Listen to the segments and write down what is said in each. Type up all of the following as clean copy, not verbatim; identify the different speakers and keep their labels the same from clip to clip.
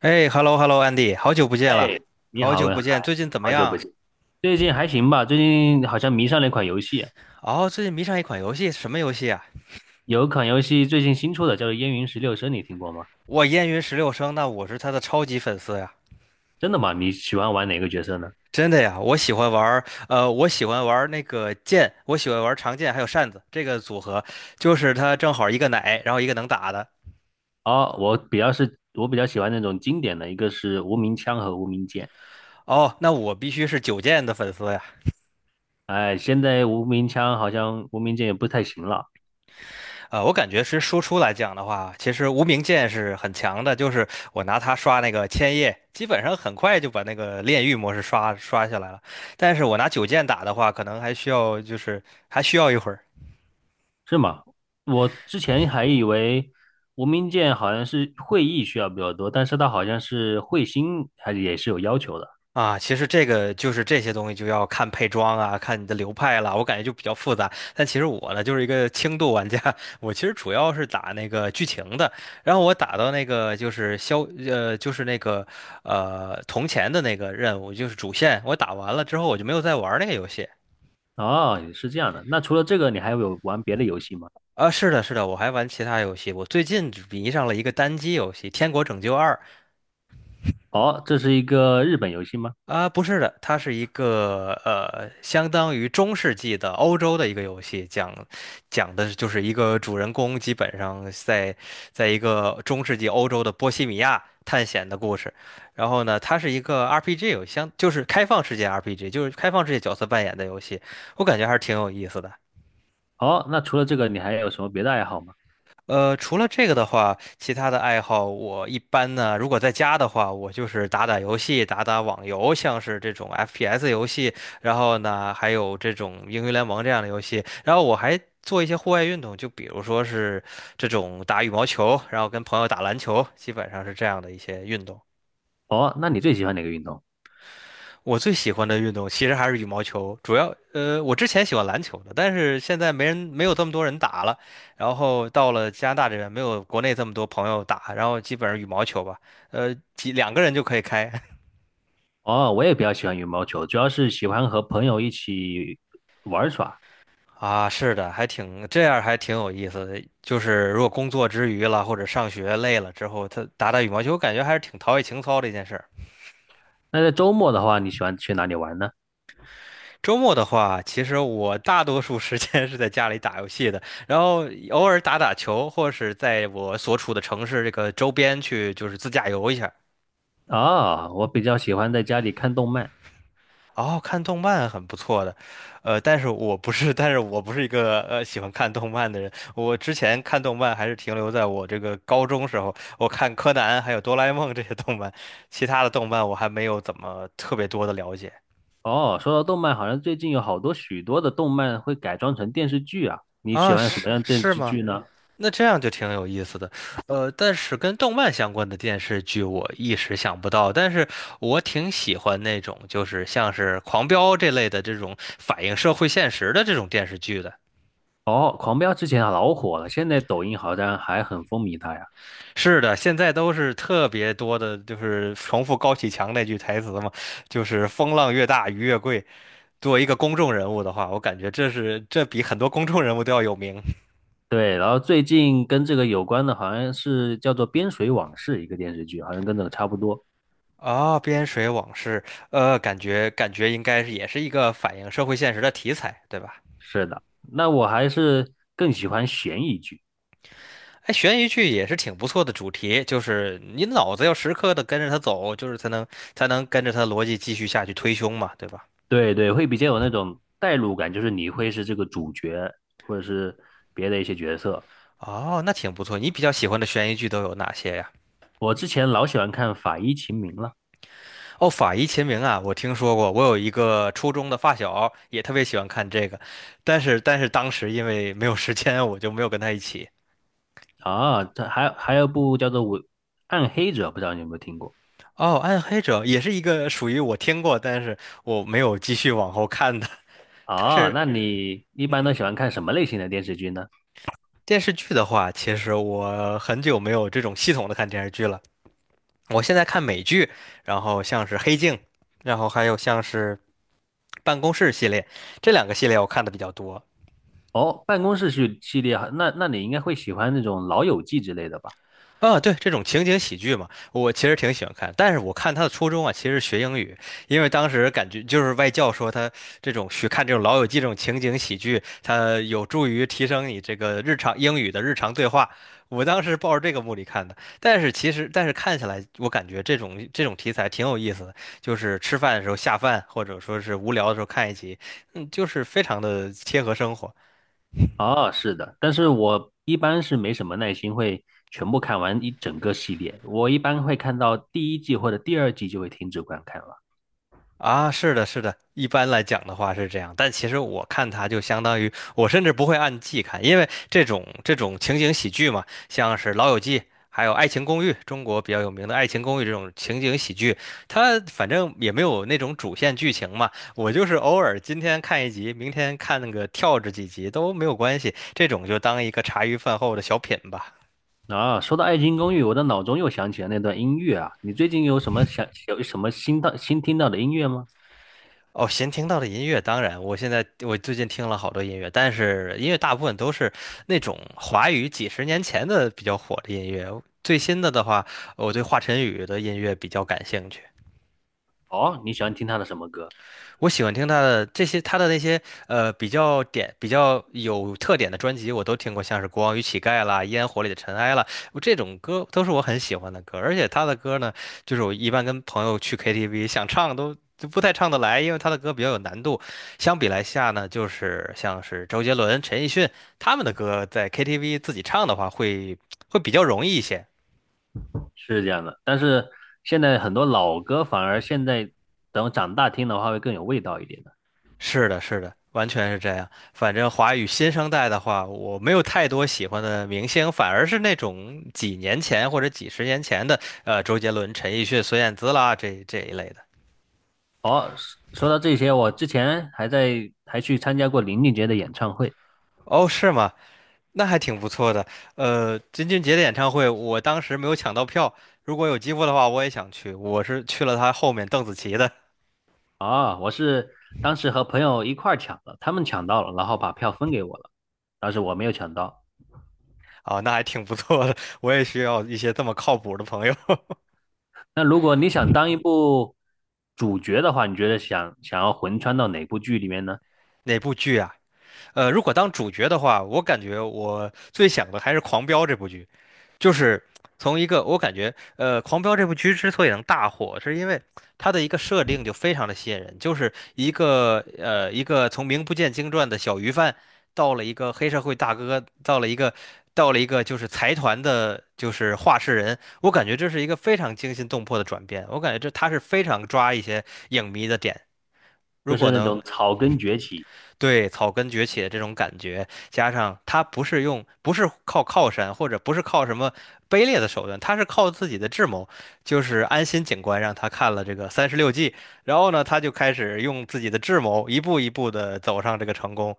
Speaker 1: 哎，hello hello Andy，好久不见了，
Speaker 2: 哎，你
Speaker 1: 好
Speaker 2: 好，
Speaker 1: 久
Speaker 2: 文
Speaker 1: 不
Speaker 2: 涵，
Speaker 1: 见，最近怎么
Speaker 2: 好久不
Speaker 1: 样？
Speaker 2: 见。最近还行吧？最近好像迷上了一款游戏，
Speaker 1: 哦，最近迷上一款游戏，什么游戏啊？
Speaker 2: 有一款游戏最近新出的，叫做《燕云十六声》，你听过吗？
Speaker 1: 我烟云十六声，那我是他的超级粉丝呀。
Speaker 2: 真的吗？你喜欢玩哪个角色呢？
Speaker 1: 真的呀，我喜欢玩儿，我喜欢玩儿那个剑，我喜欢玩儿长剑还有扇子这个组合，就是他正好一个奶，然后一个能打的。
Speaker 2: 哦，我比较喜欢那种经典的，一个是无名枪和无名剑。
Speaker 1: 哦，那我必须是九剑的粉丝呀。
Speaker 2: 哎，现在无名枪好像无名剑也不太行了，
Speaker 1: 我感觉是输出来讲的话，其实无名剑是很强的，就是我拿它刷那个千叶，基本上很快就把那个炼狱模式刷刷下来了。但是我拿九剑打的话，可能还需要一会儿。
Speaker 2: 是吗？我之前还以为无名剑好像是会议需要比较多，但是它好像是会心还是也是有要求的。
Speaker 1: 啊，其实这个就是这些东西就要看配装啊，看你的流派了，我感觉就比较复杂。但其实我呢，就是一个轻度玩家，我其实主要是打那个剧情的，然后我打到那个呃就是那个铜钱的那个任务，就是主线，我打完了之后我就没有再玩那个游戏。
Speaker 2: 哦，也是这样的。那除了这个，你还有玩别的游戏吗？
Speaker 1: 啊，是的，是的，我还玩其他游戏，我最近迷上了一个单机游戏《天国拯救二》。
Speaker 2: 哦，这是一个日本游戏吗？
Speaker 1: 啊，不是的，它是一个相当于中世纪的欧洲的一个游戏，讲的就是一个主人公基本上在一个中世纪欧洲的波西米亚探险的故事。然后呢，它是一个 RPG 游戏，就是开放世界 RPG，就是开放世界角色扮演的游戏，我感觉还是挺有意思的。
Speaker 2: 哦，那除了这个，你还有什么别的爱好吗？
Speaker 1: 除了这个的话，其他的爱好我一般呢，如果在家的话，我就是打打游戏，打打网游，像是这种 FPS 游戏，然后呢，还有这种英雄联盟这样的游戏，然后我还做一些户外运动，就比如说是这种打羽毛球，然后跟朋友打篮球，基本上是这样的一些运动。
Speaker 2: 哦，那你最喜欢哪个运动？
Speaker 1: 我最喜欢的运动其实还是羽毛球，主要我之前喜欢篮球的，但是现在没有这么多人打了，然后到了加拿大这边没有国内这么多朋友打，然后基本上羽毛球吧，几两个人就可以开
Speaker 2: 哦，我也比较喜欢羽毛球，主要是喜欢和朋友一起玩耍。
Speaker 1: 啊，是的，还挺还挺有意思的，就是如果工作之余了或者上学累了之后，他打打羽毛球，我感觉还是挺陶冶情操的一件事儿。
Speaker 2: 那在周末的话，你喜欢去哪里玩呢？
Speaker 1: 周末的话，其实我大多数时间是在家里打游戏的，然后偶尔打打球，或是在我所处的城市这个周边去就是自驾游一下。
Speaker 2: 哦，我比较喜欢在家里看动漫。
Speaker 1: 哦，看动漫很不错的，呃，但是我不是，但是我不是一个喜欢看动漫的人。我之前看动漫还是停留在我这个高中时候，我看柯南还有哆啦 A 梦这些动漫，其他的动漫我还没有怎么特别多的了解。
Speaker 2: 哦，说到动漫，好像最近有好多许多的动漫会改装成电视剧啊。你喜
Speaker 1: 啊，
Speaker 2: 欢什么
Speaker 1: 是
Speaker 2: 样的电
Speaker 1: 是
Speaker 2: 视
Speaker 1: 吗？
Speaker 2: 剧呢？
Speaker 1: 那这样就挺有意思的，但是跟动漫相关的电视剧我一时想不到，但是我挺喜欢那种就是像是《狂飙》这类的这种反映社会现实的这种电视剧的。
Speaker 2: 哦，《狂飙》之前啊老火了，现在抖音好像还很风靡它呀。
Speaker 1: 是的，现在都是特别多的，就是重复高启强那句台词嘛，就是"风浪越大，鱼越贵"。作为一个公众人物的话，我感觉这是这比很多公众人物都要有名。
Speaker 2: 对，然后最近跟这个有关的，好像是叫做《边水往事》一个电视剧，好像跟这个差不多。
Speaker 1: 啊，《边水往事》，感觉应该是也是一个反映社会现实的题材，对吧？
Speaker 2: 是的，那我还是更喜欢悬疑剧。
Speaker 1: 哎，悬疑剧也是挺不错的主题，就是你脑子要时刻的跟着它走，才能跟着它逻辑继续下去推凶嘛，对吧？
Speaker 2: 对对，会比较有那种代入感，就是你会是这个主角，或者是别的一些角色。
Speaker 1: 哦，那挺不错。你比较喜欢的悬疑剧都有哪些呀？
Speaker 2: 我之前老喜欢看《法医秦明》了
Speaker 1: 哦，《法医秦明》啊，我听说过。我有一个初中的发小也特别喜欢看这个，但是当时因为没有时间，我就没有跟他一起。
Speaker 2: 啊，它还有部叫做《我暗黑者》，不知道你有没有听过？
Speaker 1: 哦，《暗黑者》也是一个属于我听过，但是我没有继续往后看的。但
Speaker 2: 哦，那
Speaker 1: 是
Speaker 2: 你一般都喜欢看什么类型的电视剧呢？
Speaker 1: 电视剧的话，其实我很久没有这种系统的看电视剧了。我现在看美剧，然后像是《黑镜》，然后还有像是《办公室》系列，这两个系列我看的比较多。
Speaker 2: 哦，办公室剧系列，那你应该会喜欢那种《老友记》之类的吧？
Speaker 1: 啊，对，这种情景喜剧嘛，我其实挺喜欢看。但是我看他的初衷啊，其实是学英语，因为当时感觉就是外教说他这种看这种《老友记》这种情景喜剧，它有助于提升你这个日常英语的日常对话。我当时抱着这个目的看的，但是看起来，我感觉这种题材挺有意思的，就是吃饭的时候下饭，或者说是无聊的时候看一集，嗯，就是非常的贴合生活。
Speaker 2: 哦，是的，但是我一般是没什么耐心，会全部看完一整个系列。我一般会看到第一季或者第二季就会停止观看了。
Speaker 1: 啊，是的，是的，一般来讲的话是这样，但其实我看它就相当于我甚至不会按季看，因为这种情景喜剧嘛，像是《老友记》还有《爱情公寓》，中国比较有名的《爱情公寓》这种情景喜剧，它反正也没有那种主线剧情嘛，我就是偶尔今天看一集，明天看那个跳着几集都没有关系，这种就当一个茶余饭后的小品吧。
Speaker 2: 啊，说到《爱情公寓》，我的脑中又想起了那段音乐啊。你最近有什么新听到的音乐吗？
Speaker 1: 哦，闲听到的音乐，当然，我现在我最近听了好多音乐，但是音乐大部分都是那种华语几十年前的比较火的音乐。最新的的话，我对华晨宇的音乐比较感兴趣。
Speaker 2: 哦，你喜欢听他的什么歌？
Speaker 1: 我喜欢听他的这些，他的那些比较有特点的专辑，我都听过，像是《国王与乞丐》啦，《烟火里的尘埃》啦，我这种歌都是我很喜欢的歌。而且他的歌呢，就是我一般跟朋友去 KTV 想唱都就不太唱得来，因为他的歌比较有难度。相比来下呢，就是像是周杰伦、陈奕迅他们的歌，在 KTV 自己唱的话会比较容易一些。
Speaker 2: 是这样的，但是现在很多老歌反而现在等长大听的话会更有味道一点的。
Speaker 1: 是的，是的，完全是这样。反正华语新生代的话，我没有太多喜欢的明星，反而是那种几年前或者几十年前的，周杰伦、陈奕迅、孙燕姿啦，这一类的。
Speaker 2: 哦，说到这些，我之前还在还去参加过林俊杰的演唱会。
Speaker 1: 哦，是吗？那还挺不错的。呃，金俊杰的演唱会，我当时没有抢到票，如果有机会的话，我也想去。我是去了他后面邓紫棋的。
Speaker 2: 啊，我是当时和朋友一块儿抢的，他们抢到了，然后把票分给我了，当时我没有抢到。
Speaker 1: 啊，那还挺不错的。我也需要一些这么靠谱的朋友。
Speaker 2: 那如果你想当一部主角的话，你觉得想要魂穿到哪部剧里面呢？
Speaker 1: 哪部剧啊？如果当主角的话，我感觉我最想的还是《狂飙》这部剧。就是从一个我感觉，《狂飙》这部剧之所以能大火，是因为它的一个设定就非常的吸引人，就是一个一个从名不见经传的小鱼贩，到了一个黑社会大哥，到了一个就是财团的，就是话事人。我感觉这是一个非常惊心动魄的转变，我感觉这他是非常抓一些影迷的点。如
Speaker 2: 就
Speaker 1: 果
Speaker 2: 是那
Speaker 1: 能
Speaker 2: 种草根崛起
Speaker 1: 对，草根崛起的这种感觉，加上他不是用，不是靠山，或者不是靠什么卑劣的手段，他是靠自己的智谋。就是安心警官让他看了这个三十六计，然后呢，他就开始用自己的智谋一步一步的走上这个成功。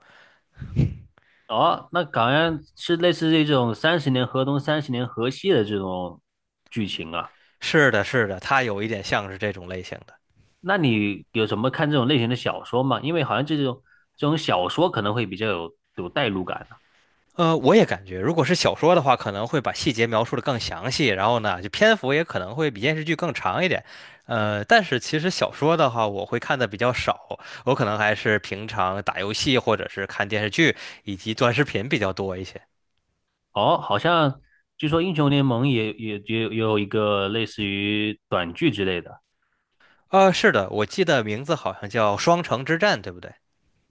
Speaker 2: 哦，那好像是类似于这种三十年河东三十年河西的这种剧情啊。
Speaker 1: 是的，是的，他有一点像是这种类型的。
Speaker 2: 那你有什么看这种类型的小说吗？因为好像这种小说可能会比较有代入感。
Speaker 1: 我也感觉，如果是小说的话，可能会把细节描述的更详细，然后呢，就篇幅也可能会比电视剧更长一点。但是其实小说的话，我会看的比较少，我可能还是平常打游戏或者是看电视剧以及短视频比较多一些。
Speaker 2: 哦，好像据说英雄联盟也有一个类似于短剧之类的。
Speaker 1: 是的，我记得名字好像叫《双城之战》，对不对？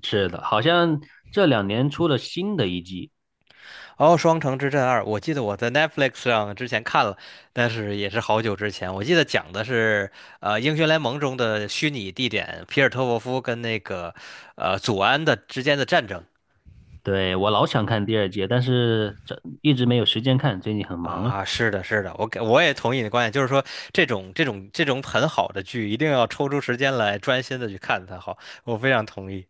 Speaker 2: 是的，好像这两年出了新的一季，
Speaker 1: 哦，《双城之战二》，我记得我在 Netflix 上之前看了，但是也是好久之前。我记得讲的是，英雄联盟中的虚拟地点皮尔特沃夫跟那个，祖安的之间的战争
Speaker 2: 对，我老想看第二季，但是这一直没有时间看，最近很忙啊。
Speaker 1: 啊。是的，是的，我也同意你的观点，就是说这种很好的剧，一定要抽出时间来专心的去看它好，我非常同意。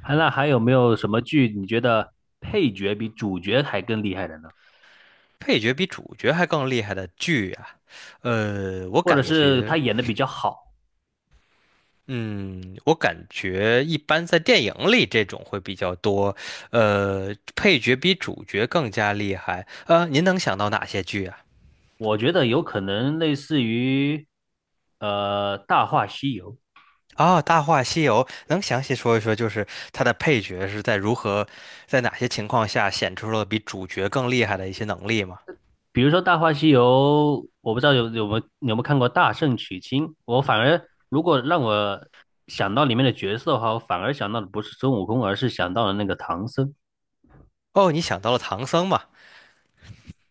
Speaker 2: 那还有没有什么剧你觉得配角比主角还更厉害的呢？
Speaker 1: 配角比主角还更厉害的剧啊，我
Speaker 2: 或者
Speaker 1: 感
Speaker 2: 是
Speaker 1: 觉。
Speaker 2: 他演的比较好？
Speaker 1: 嗯，我感觉一般在电影里这种会比较多，配角比主角更加厉害。您能想到哪些剧啊？
Speaker 2: 我觉得有可能类似于《大话西游》。
Speaker 1: 哦，《大话西游》能详细说一说，就是它的配角是在如何，在哪些情况下显出了比主角更厉害的一些能力吗？
Speaker 2: 比如说《大话西游》，我不知道有没有看过《大圣娶亲》，我反而如果让我想到里面的角色的话，我反而想到的不是孙悟空，而是想到了那个唐僧。
Speaker 1: 哦，你想到了唐僧嘛？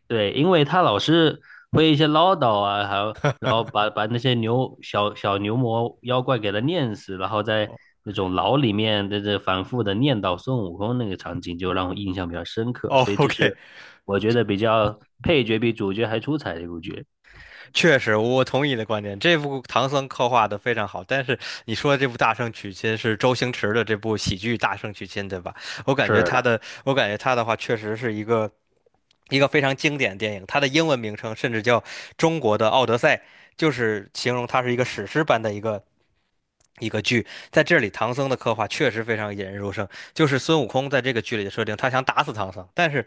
Speaker 2: 对，因为他老是会一些唠叨啊，还有然后把那些牛小小牛魔妖怪给他念死，然后在那种牢里面在这反复的念叨孙悟空那个场景，就让我印象比较深刻。
Speaker 1: 哦
Speaker 2: 所以这
Speaker 1: ，OK，
Speaker 2: 是我觉得比较配角比主角还出彩的一部剧。
Speaker 1: 确实，我同意你的观点。这部唐僧刻画的非常好，但是你说这部《大圣娶亲》是周星驰的这部喜剧《大圣娶亲》，对吧？我感觉
Speaker 2: 是
Speaker 1: 他
Speaker 2: 的。
Speaker 1: 的，我感觉他的话确实是一个一个非常经典的电影，它的英文名称甚至叫《中国的奥德赛》，就是形容它是一个史诗般的一个。一个剧，在这里唐僧的刻画确实非常引人入胜。就是孙悟空在这个剧里的设定，他想打死唐僧，但是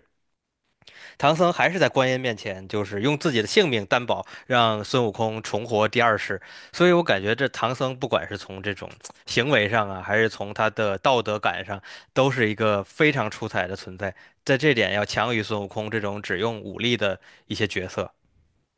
Speaker 1: 唐僧还是在观音面前，就是用自己的性命担保，让孙悟空重活第二世。所以我感觉这唐僧不管是从这种行为上啊，还是从他的道德感上，都是一个非常出彩的存在，在这点要强于孙悟空这种只用武力的一些角色。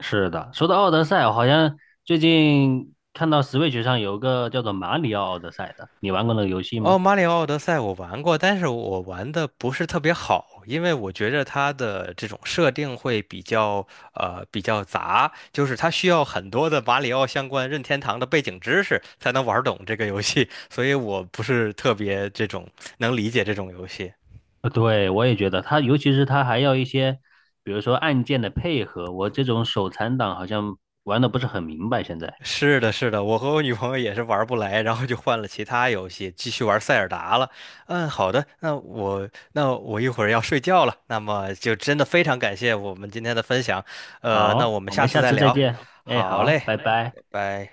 Speaker 2: 是的，说到奥德赛，好像最近看到 Switch 上有个叫做《马里奥奥德赛》的，你玩过那个游戏
Speaker 1: 哦，
Speaker 2: 吗？
Speaker 1: 《马里奥奥德赛》我玩过，但是我玩的不是特别好，因为我觉得它的这种设定会比较比较杂，就是它需要很多的马里奥相关任天堂的背景知识才能玩懂这个游戏，所以我不是特别这种能理解这种游戏。
Speaker 2: 呃，对，我也觉得它，尤其是它还要一些，比如说按键的配合，我这种手残党好像玩的不是很明白。现在，
Speaker 1: 是的，是的，我和我女朋友也是玩不来，然后就换了其他游戏，继续玩塞尔达了。嗯，好的，那我一会儿要睡觉了，那么就真的非常感谢我们今天的分享，那
Speaker 2: 好，
Speaker 1: 我们
Speaker 2: 我
Speaker 1: 下
Speaker 2: 们
Speaker 1: 次
Speaker 2: 下
Speaker 1: 再
Speaker 2: 次再
Speaker 1: 聊。
Speaker 2: 见。哎，
Speaker 1: 好嘞，
Speaker 2: 好，拜拜。
Speaker 1: 拜拜。